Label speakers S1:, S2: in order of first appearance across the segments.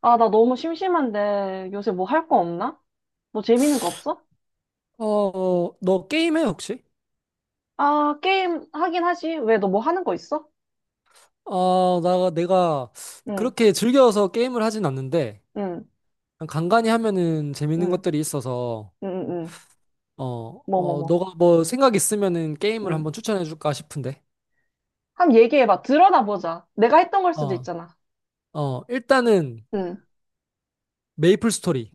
S1: 아, 나 너무 심심한데 요새 뭐 할 거 없나? 뭐 재밌는 거 없어?
S2: 너 게임해, 혹시?
S1: 아, 게임 하긴 하지. 왜 너 뭐 하는 거 있어?
S2: 아, 내가
S1: 응,
S2: 그렇게 즐겨서 게임을 하진 않는데,
S1: 응,
S2: 그냥 간간히 하면은 재밌는
S1: 응,
S2: 것들이 있어서,
S1: 응, 응. 응.
S2: 어,
S1: 뭐, 뭐, 뭐.
S2: 너가 뭐 생각 있으면은 게임을
S1: 응.
S2: 한번 추천해 줄까 싶은데.
S1: 한번 얘기해봐. 드러나 보자. 내가 했던 걸 수도
S2: 어,
S1: 있잖아.
S2: 일단은
S1: 응.
S2: 메이플 스토리.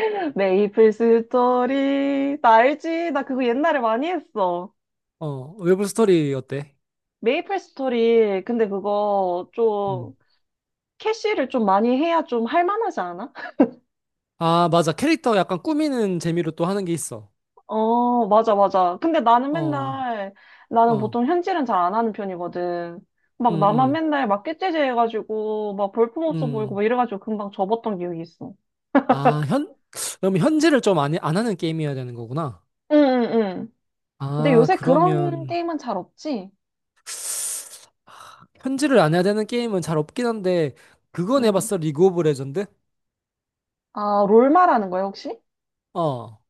S1: 메이플 스토리. 나 알지? 나 그거 옛날에 많이 했어.
S2: 어, 메이플 스토리 어때?
S1: 메이플 스토리. 근데 그거
S2: 음.
S1: 좀 캐시를 좀 많이 해야 좀 할만하지 않아?
S2: 아, 맞아. 캐릭터 약간 꾸미는 재미로 또 하는 게 있어.
S1: 어, 맞아, 맞아. 근데 나는
S2: 어,
S1: 맨날, 나는
S2: 어,
S1: 보통 현질은 잘 안 하는 편이거든. 막 나만
S2: 음,
S1: 맨날 막 깨째제 해가지고, 막
S2: 음,
S1: 볼품없어 보이고,
S2: 음.
S1: 막 이래가지고 금방 접었던 기억이 있어.
S2: 아, 현, 그럼 현질을 좀 안 하는 게임이어야 되는 거구나.
S1: 응, 응, 응. 근데
S2: 아,
S1: 요새 그런
S2: 그러면
S1: 게임은 잘 없지?
S2: 현질을 안 해야 되는 게임은 잘 없긴 한데 그건
S1: 응.
S2: 해봤어? 리그 오브 레전드?
S1: 아, 롤마라는 거야, 혹시?
S2: 어,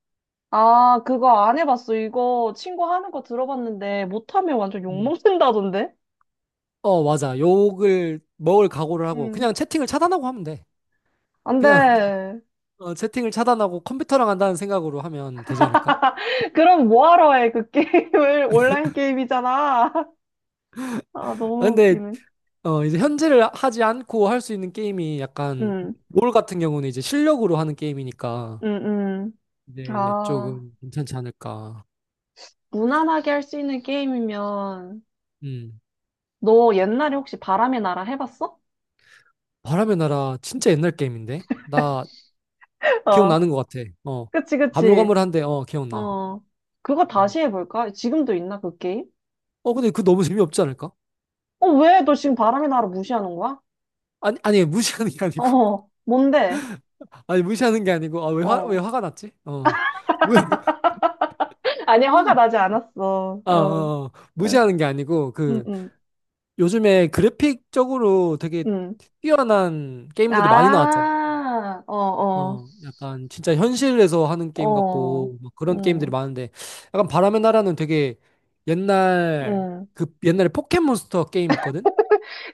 S1: 아, 그거 안 해봤어. 이거 친구 하는 거 들어봤는데, 못하면 완전
S2: 음.
S1: 욕먹는다던데?
S2: 어, 맞아. 욕을 먹을 각오를 하고
S1: 응.
S2: 그냥 채팅을 차단하고 하면 돼.
S1: 안
S2: 그냥
S1: 돼.
S2: 채팅을 차단하고 컴퓨터랑 한다는 생각으로 하면 되지 않을까?
S1: 그럼 뭐하러 해, 그 게임을? 온라인 게임이잖아. 아,
S2: 아,
S1: 너무
S2: 근데
S1: 웃기네.
S2: 이제 현질을 하지 않고 할 수 있는 게임이 약간
S1: 응.
S2: 롤 같은 경우는 이제 실력으로 하는 게임이니까
S1: 음, 음.
S2: 이제
S1: 아,
S2: 조금 괜찮지 않을까?
S1: 무난하게 할 수 있는 게임이면,
S2: 음.
S1: 너 옛날에 혹시 바람의 나라 해봤어?
S2: 바람의 나라 진짜 옛날 게임인데? 나
S1: 어,
S2: 기억나는 것 같아. 어.
S1: 그치, 그치.
S2: 가물가물한데, 어, 기억나.
S1: 어, 그거
S2: 어.
S1: 다시 해볼까? 지금도 있나, 그 게임?
S2: 어, 근데 그 너무 재미없지 않을까?
S1: 어, 왜? 너 지금 바람의 나라 무시하는 거야?
S2: 아니, 무시하는 게 아니고.
S1: 어, 뭔데?
S2: 아니, 무시하는 게 아니고. 아, 왜
S1: 어.
S2: 화가 났지? 어. 뭐-
S1: 아니, 화가 나지 않았어. 어, 응,
S2: 무시하는 게 아니고, 그,
S1: 응,
S2: 요즘에 그래픽적으로 되게
S1: 응.
S2: 뛰어난 게임들이 많이 나왔잖아.
S1: 아, 어, 어,
S2: 어, 약간 진짜 현실에서 하는 게임
S1: 어,
S2: 같고, 막 그런 게임들이
S1: 응,
S2: 많은데, 약간 바람의 나라는 되게 옛날,
S1: 응.
S2: 그 옛날에 포켓몬스터 게임 있거든?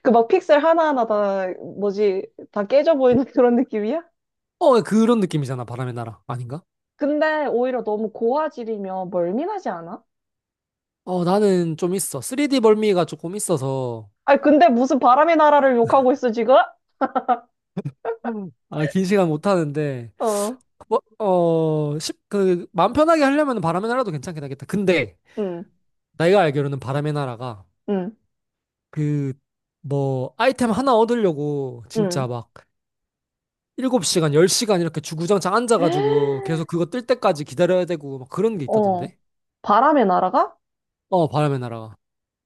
S1: 그 막 픽셀 하나하나 다, 뭐지, 다 깨져 보이는 그런 느낌이야?
S2: 어, 그런 느낌이잖아, 바람의 나라. 아닌가?
S1: 근데 오히려 너무 고화질이면 멀미나지 않아?
S2: 어, 나는 좀 있어. 3D 벌미가 조금 있어서,
S1: 아니, 근데 무슨 바람의 나라를 욕하고 있어, 지금?
S2: 아, 긴 시간 못 하는데,
S1: 어,
S2: 마음 편하게 하려면 바람의 나라도 괜찮긴 하겠다. 근데,
S1: 응,
S2: 내가 알기로는 바람의 나라가,
S1: 응,
S2: 그, 뭐, 아이템 하나 얻으려고,
S1: 응.
S2: 진짜 막, 7시간, 10시간 이렇게 주구장창 앉아가지고, 계속 그거 뜰 때까지 기다려야 되고, 막 그런 게
S1: 어,
S2: 있다던데?
S1: 바람의 나라가?
S2: 어, 바람의 나라가.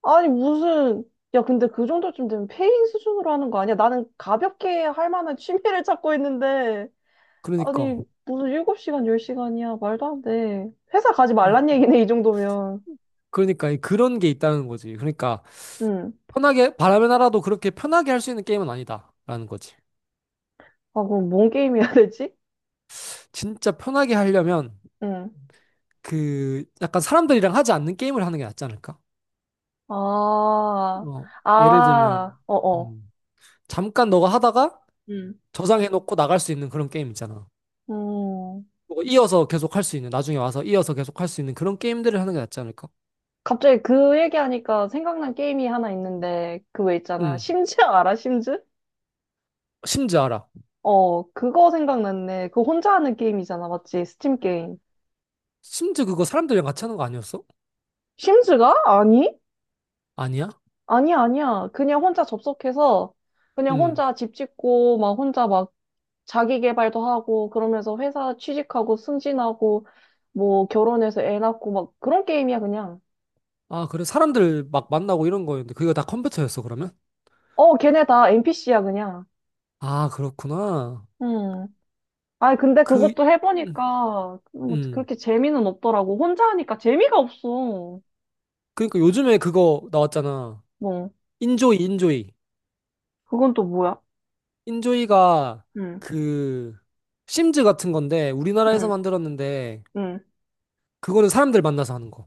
S1: 아니, 무슨, 야, 근데 그 정도쯤 되면 페인 수준으로 하는 거 아니야? 나는 가볍게 할 만한 취미를 찾고 있는데,
S2: 그러니까.
S1: 아니, 무슨 7시간, 10시간이야? 말도 안 돼. 회사 가지
S2: 어,
S1: 말란 얘기네, 이 정도면.
S2: 그러니까, 그런 게 있다는 거지. 그러니까,
S1: 응.
S2: 편하게 바람의 나라도 그렇게 편하게 할 수 있는 게임은 아니다라는 거지.
S1: 아, 그럼 뭔 게임 해야 되지?
S2: 진짜 편하게 하려면
S1: 응.
S2: 그 약간 사람들이랑 하지 않는 게임을 하는 게 낫지 않을까?
S1: 아,
S2: 어, 예를
S1: 아,
S2: 들면
S1: 어어.
S2: 음, 잠깐 너가 하다가 저장해놓고 나갈 수 있는 그런 게임 있잖아.
S1: 음,
S2: 뭐 이어서 계속 할 수 있는 나중에 와서 이어서 계속 할 수 있는 그런 게임들을 하는 게 낫지 않을까?
S1: 갑자기 그 얘기하니까 생각난 게임이 하나 있는데, 그 왜 있잖아.
S2: 음,
S1: 심즈 알아, 심즈?
S2: 심즈 알아.
S1: 어, 그거 생각났네. 그거 혼자 하는 게임이잖아, 맞지? 스팀 게임.
S2: 심즈 그거 사람들이랑 같이 하는 거 아니었어?
S1: 심즈가? 아니?
S2: 아니야?
S1: 아니야, 아니야. 그냥 혼자 접속해서, 그냥
S2: 음.
S1: 혼자 집 짓고, 막 혼자 막 자기 개발도 하고, 그러면서 회사 취직하고, 승진하고, 뭐 결혼해서 애 낳고, 막 그런 게임이야, 그냥.
S2: 아, 그래. 사람들 막 만나고 이런 거였는데 그게 다 컴퓨터였어, 그러면?
S1: 어, 걔네 다 NPC야, 그냥.
S2: 아, 그렇구나.
S1: 음. 아니, 근데
S2: 그
S1: 그것도
S2: 음,
S1: 해보니까 뭐
S2: 음.
S1: 그렇게 재미는 없더라고. 혼자 하니까 재미가 없어.
S2: 그러니까 요즘에 그거 나왔잖아.
S1: 뭐,
S2: 인조이.
S1: 그건 또 뭐야?
S2: 인조이가
S1: 응,
S2: 그 심즈 같은 건데 우리나라에서
S1: 응,
S2: 만들었는데
S1: 응.
S2: 그거는 사람들 만나서 하는 거.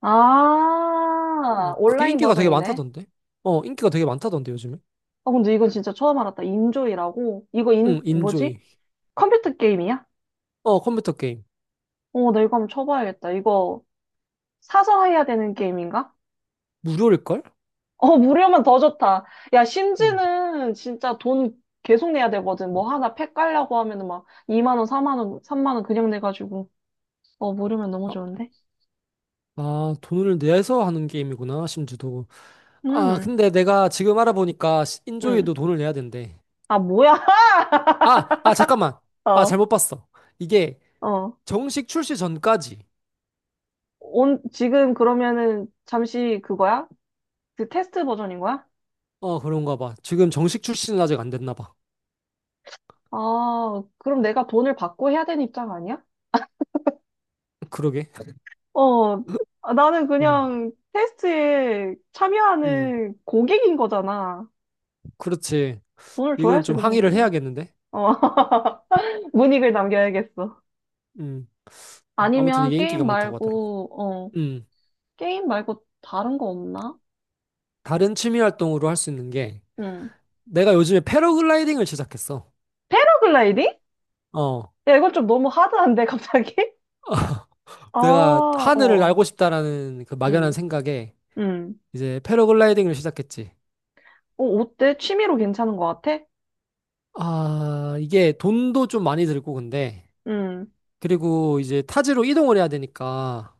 S1: 아,
S2: 어, 그게
S1: 온라인
S2: 인기가 되게
S1: 버전이네.
S2: 많다던데. 어, 인기가 되게 많다던데 요즘에.
S1: 아, 근데 이건 진짜 처음 알았다. 인조이라고? 이거
S2: 응,
S1: 인,
S2: 인조이.
S1: 뭐지? 컴퓨터 게임이야?
S2: 어, 컴퓨터 게임.
S1: 어, 나 이거 한번 쳐봐야겠다. 이거 사서 해야 되는 게임인가?
S2: 무료일걸?
S1: 어, 무료면 더 좋다. 야,
S2: 어.
S1: 심지는 진짜 돈 계속 내야 되거든. 뭐 하나 팩 깔려고 하면은 막 2만 원, 4만 원, 3만 원 그냥 내가지고. 어, 모르면 너무
S2: 아,
S1: 좋은데?
S2: 돈을 내서 하는 게임이구나, 심즈도. 아,
S1: 음,
S2: 근데 내가 지금 알아보니까
S1: 음.
S2: 인조이도 돈을 내야 된대.
S1: 아, 뭐야?
S2: 잠깐만. 아,
S1: 어,
S2: 잘못 봤어. 이게
S1: 어.
S2: 정식 출시 전까지.
S1: 온, 지금 그러면은 잠시 그거야? 그 테스트 버전인 거야?
S2: 어, 그런가 봐. 지금 정식 출시는 아직 안 됐나 봐.
S1: 아, 그럼 내가 돈을 받고 해야 되는 입장 아니야?
S2: 그러게.
S1: 어, 아, 나는
S2: 어,
S1: 그냥 테스트에
S2: 음,
S1: 참여하는 고객인 거잖아.
S2: 그렇지.
S1: 돈을
S2: 이건
S1: 줘야지,
S2: 좀
S1: 그
S2: 항의를
S1: 정도면.
S2: 해야겠는데?
S1: 어, 문익을 남겨야겠어.
S2: 음, 아무튼
S1: 아니면
S2: 이게 인기가
S1: 게임
S2: 많다고 하더라고.
S1: 말고, 어,
S2: 음,
S1: 게임 말고 다른 거 없나?
S2: 다른 취미 활동으로 할 수 있는 게,
S1: 응.
S2: 내가 요즘에 패러글라이딩을 시작했어.
S1: 패러글라이딩?
S2: 어,
S1: 야, 이건 좀 너무 하드한데, 갑자기? 아,
S2: 내가 하늘을
S1: 어,
S2: 날고 싶다라는 그 막연한
S1: 음,
S2: 생각에
S1: 음.
S2: 이제 패러글라이딩을 시작했지.
S1: 어, 어때? 취미로 괜찮은 것 같아?
S2: 아, 이게 돈도 좀 많이 들고 근데,
S1: 음,
S2: 그리고 이제 타지로 이동을 해야 되니까,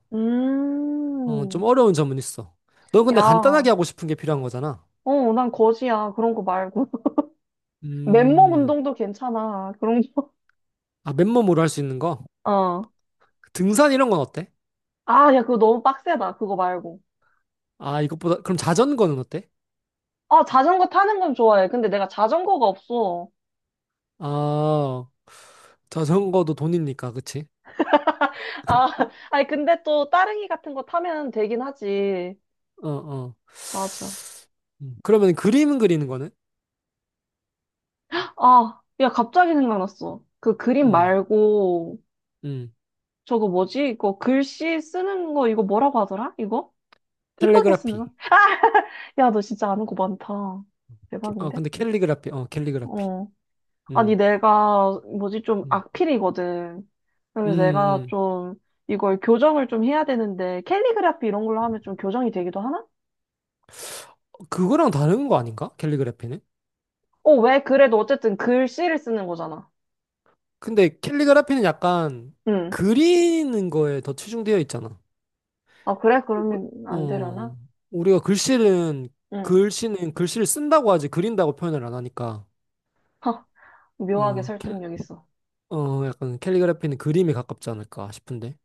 S2: 어, 좀
S1: 음.
S2: 어려운 점은 있어. 넌
S1: 야,
S2: 근데 간단하게 하고 싶은 게 필요한 거잖아.
S1: 어, 난 거지야. 그런 거 말고. 맨몸
S2: 음,
S1: 운동도 괜찮아. 그런 거.
S2: 아, 맨몸으로 할 수 있는 거?
S1: 어.
S2: 등산 이런 건 어때?
S1: 아, 야, 그거 너무 빡세다. 그거 말고.
S2: 아, 이것보다, 그럼 자전거는 어때?
S1: 아, 자전거 타는 건 좋아해. 근데 내가 자전거가 없어.
S2: 아, 자전거도 돈이니까, 그치?
S1: 아, 아니, 근데 또 따릉이 같은 거 타면 되긴 하지.
S2: 어, 어.
S1: 맞아.
S2: 그러면 그림 그리는 거는?
S1: 아, 야, 갑자기 생각났어. 그 그림
S2: 음,
S1: 말고,
S2: 음.
S1: 저거 뭐지? 이거 글씨 쓰는 거 이거 뭐라고 하더라? 이거? 이쁘게 쓰는
S2: 텔레그라피.
S1: 거? 야, 너 진짜 아는 거 많다. 대박인데?
S2: 캘리그라피.
S1: 어. 아니,
S2: 음,
S1: 내가 뭐지? 좀
S2: 음,
S1: 악필이거든.
S2: 음.
S1: 그래서 내가
S2: 음.
S1: 좀 이걸 교정을 좀 해야 되는데 캘리그라피 이런 걸로 하면 좀 교정이 되기도 하나?
S2: 그거랑 다른 거 아닌가? 캘리그라피는?
S1: 어, 왜? 그래도 어쨌든 글씨를 쓰는 거잖아.
S2: 근데 캘리그라피는 약간
S1: 응.
S2: 그리는 거에 더 치중되어 있잖아.
S1: 아, 그래?
S2: 우-
S1: 그러면 안
S2: 어,
S1: 되려나?
S2: 우리가
S1: 응.
S2: 글씨는 글씨를 쓴다고 하지 그린다고 표현을 안 하니까,
S1: 하, 묘하게
S2: 어, 캘,
S1: 설득력 있어.
S2: 어, 약간 캘리그래피는 그림에 가깝지 않을까 싶은데.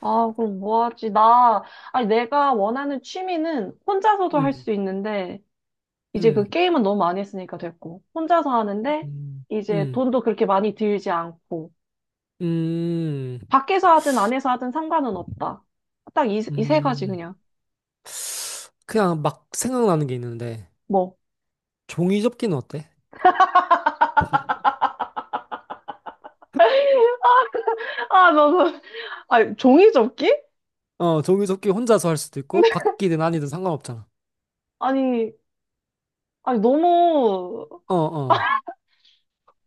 S1: 아, 그럼 뭐 하지? 나, 아니, 내가 원하는 취미는 혼자서도 할
S2: 음,
S1: 수 있는데, 이제 그
S2: 음,
S1: 게임은 너무 많이 했으니까 됐고, 혼자서 하는데,
S2: 음,
S1: 이제
S2: 음,
S1: 돈도 그렇게 많이 들지 않고,
S2: 음,
S1: 밖에서 하든 안에서 하든 상관은 없다. 딱 이, 이 세 가지
S2: 음.
S1: 그냥.
S2: 그냥 막 생각나는 게 있는데,
S1: 뭐.
S2: 종이 접기는 어때?
S1: 아, 나, 나, 아니, 종이접기?
S2: 어, 종이 접기 혼자서 할 수도 있고, 바뀌든 아니든 상관없잖아.
S1: 아니, 아니, 너무,
S2: 어, 어.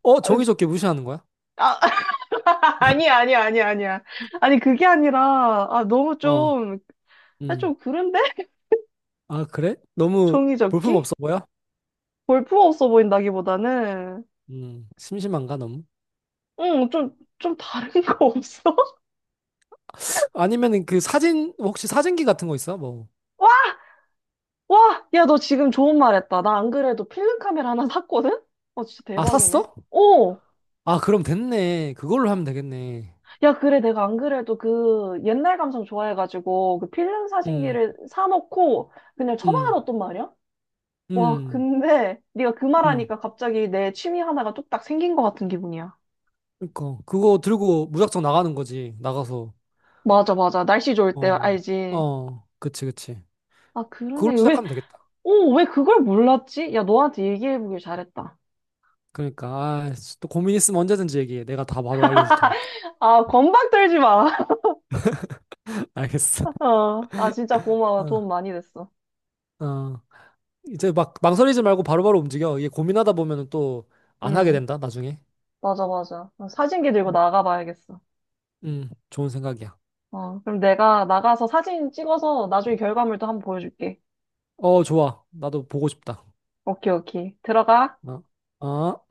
S2: 어,
S1: 아니,
S2: 종이 접기 무시하는 거야?
S1: 아, 아니야, 아니야, 아니야, 아니야. 아니, 그게 아니라, 아, 너무
S2: 어,
S1: 좀, 아,
S2: 음.
S1: 좀 그런데?
S2: 아, 그래? 너무 볼품
S1: 종이접기?
S2: 없어 보여?
S1: 골프 없어 보인다기보다는,
S2: 심심한가, 너무?
S1: 응, 좀, 좀 다른 거 없어?
S2: 아니면은 그 사진 혹시 사진기 같은 거 있어? 뭐.
S1: 와, 와! 야, 너 지금 좋은 말 했다. 나 안 그래도 필름 카메라 하나 샀거든? 어, 진짜
S2: 아,
S1: 대박이네.
S2: 샀어?
S1: 오!
S2: 아, 그럼 됐네. 그걸로 하면 되겠네.
S1: 야, 그래. 내가 안 그래도 그 옛날 감성 좋아해가지고 그 필름
S2: 음.
S1: 사진기를 사놓고 그냥 처방에
S2: 음.
S1: 뒀단 말이야? 와,
S2: 음.
S1: 근데 네가 그
S2: 음.
S1: 말하니까 갑자기 내 취미 하나가 뚝딱 생긴 것 같은 기분이야.
S2: 그니까 그거 들고 무작정 나가는 거지. 나가서.
S1: 맞아, 맞아. 날씨 좋을 때
S2: 어.
S1: 알지.
S2: 어. 그치, 그치.
S1: 아,
S2: 그걸로
S1: 그러네. 왜,
S2: 시작하면 되겠다.
S1: 오, 왜 그걸 몰랐지? 야, 너한테 얘기해보길 잘했다.
S2: 그러니까 아, 또 고민 있으면 언제든지 얘기해. 내가 다 바로 알려줄 테니까.
S1: 아, 건방 떨지 마.
S2: 알겠어.
S1: 어. 아, 진짜 고마워. 도움
S2: 어.
S1: 많이 됐어.
S2: 어. 이제 막 망설이지 말고 바로바로 움직여. 이게 고민하다 보면은 또 안 하게
S1: 응,
S2: 된다, 나중에.
S1: 맞아, 맞아. 어, 사진기 들고 나가봐야겠어.
S2: 음. 좋은 생각이야.
S1: 어, 그럼 내가 나가서 사진 찍어서 나중에 결과물도 한번 보여줄게.
S2: 어, 좋아. 나도 보고 싶다.
S1: 오케이, 오케이. 들어가.
S2: 어, 어.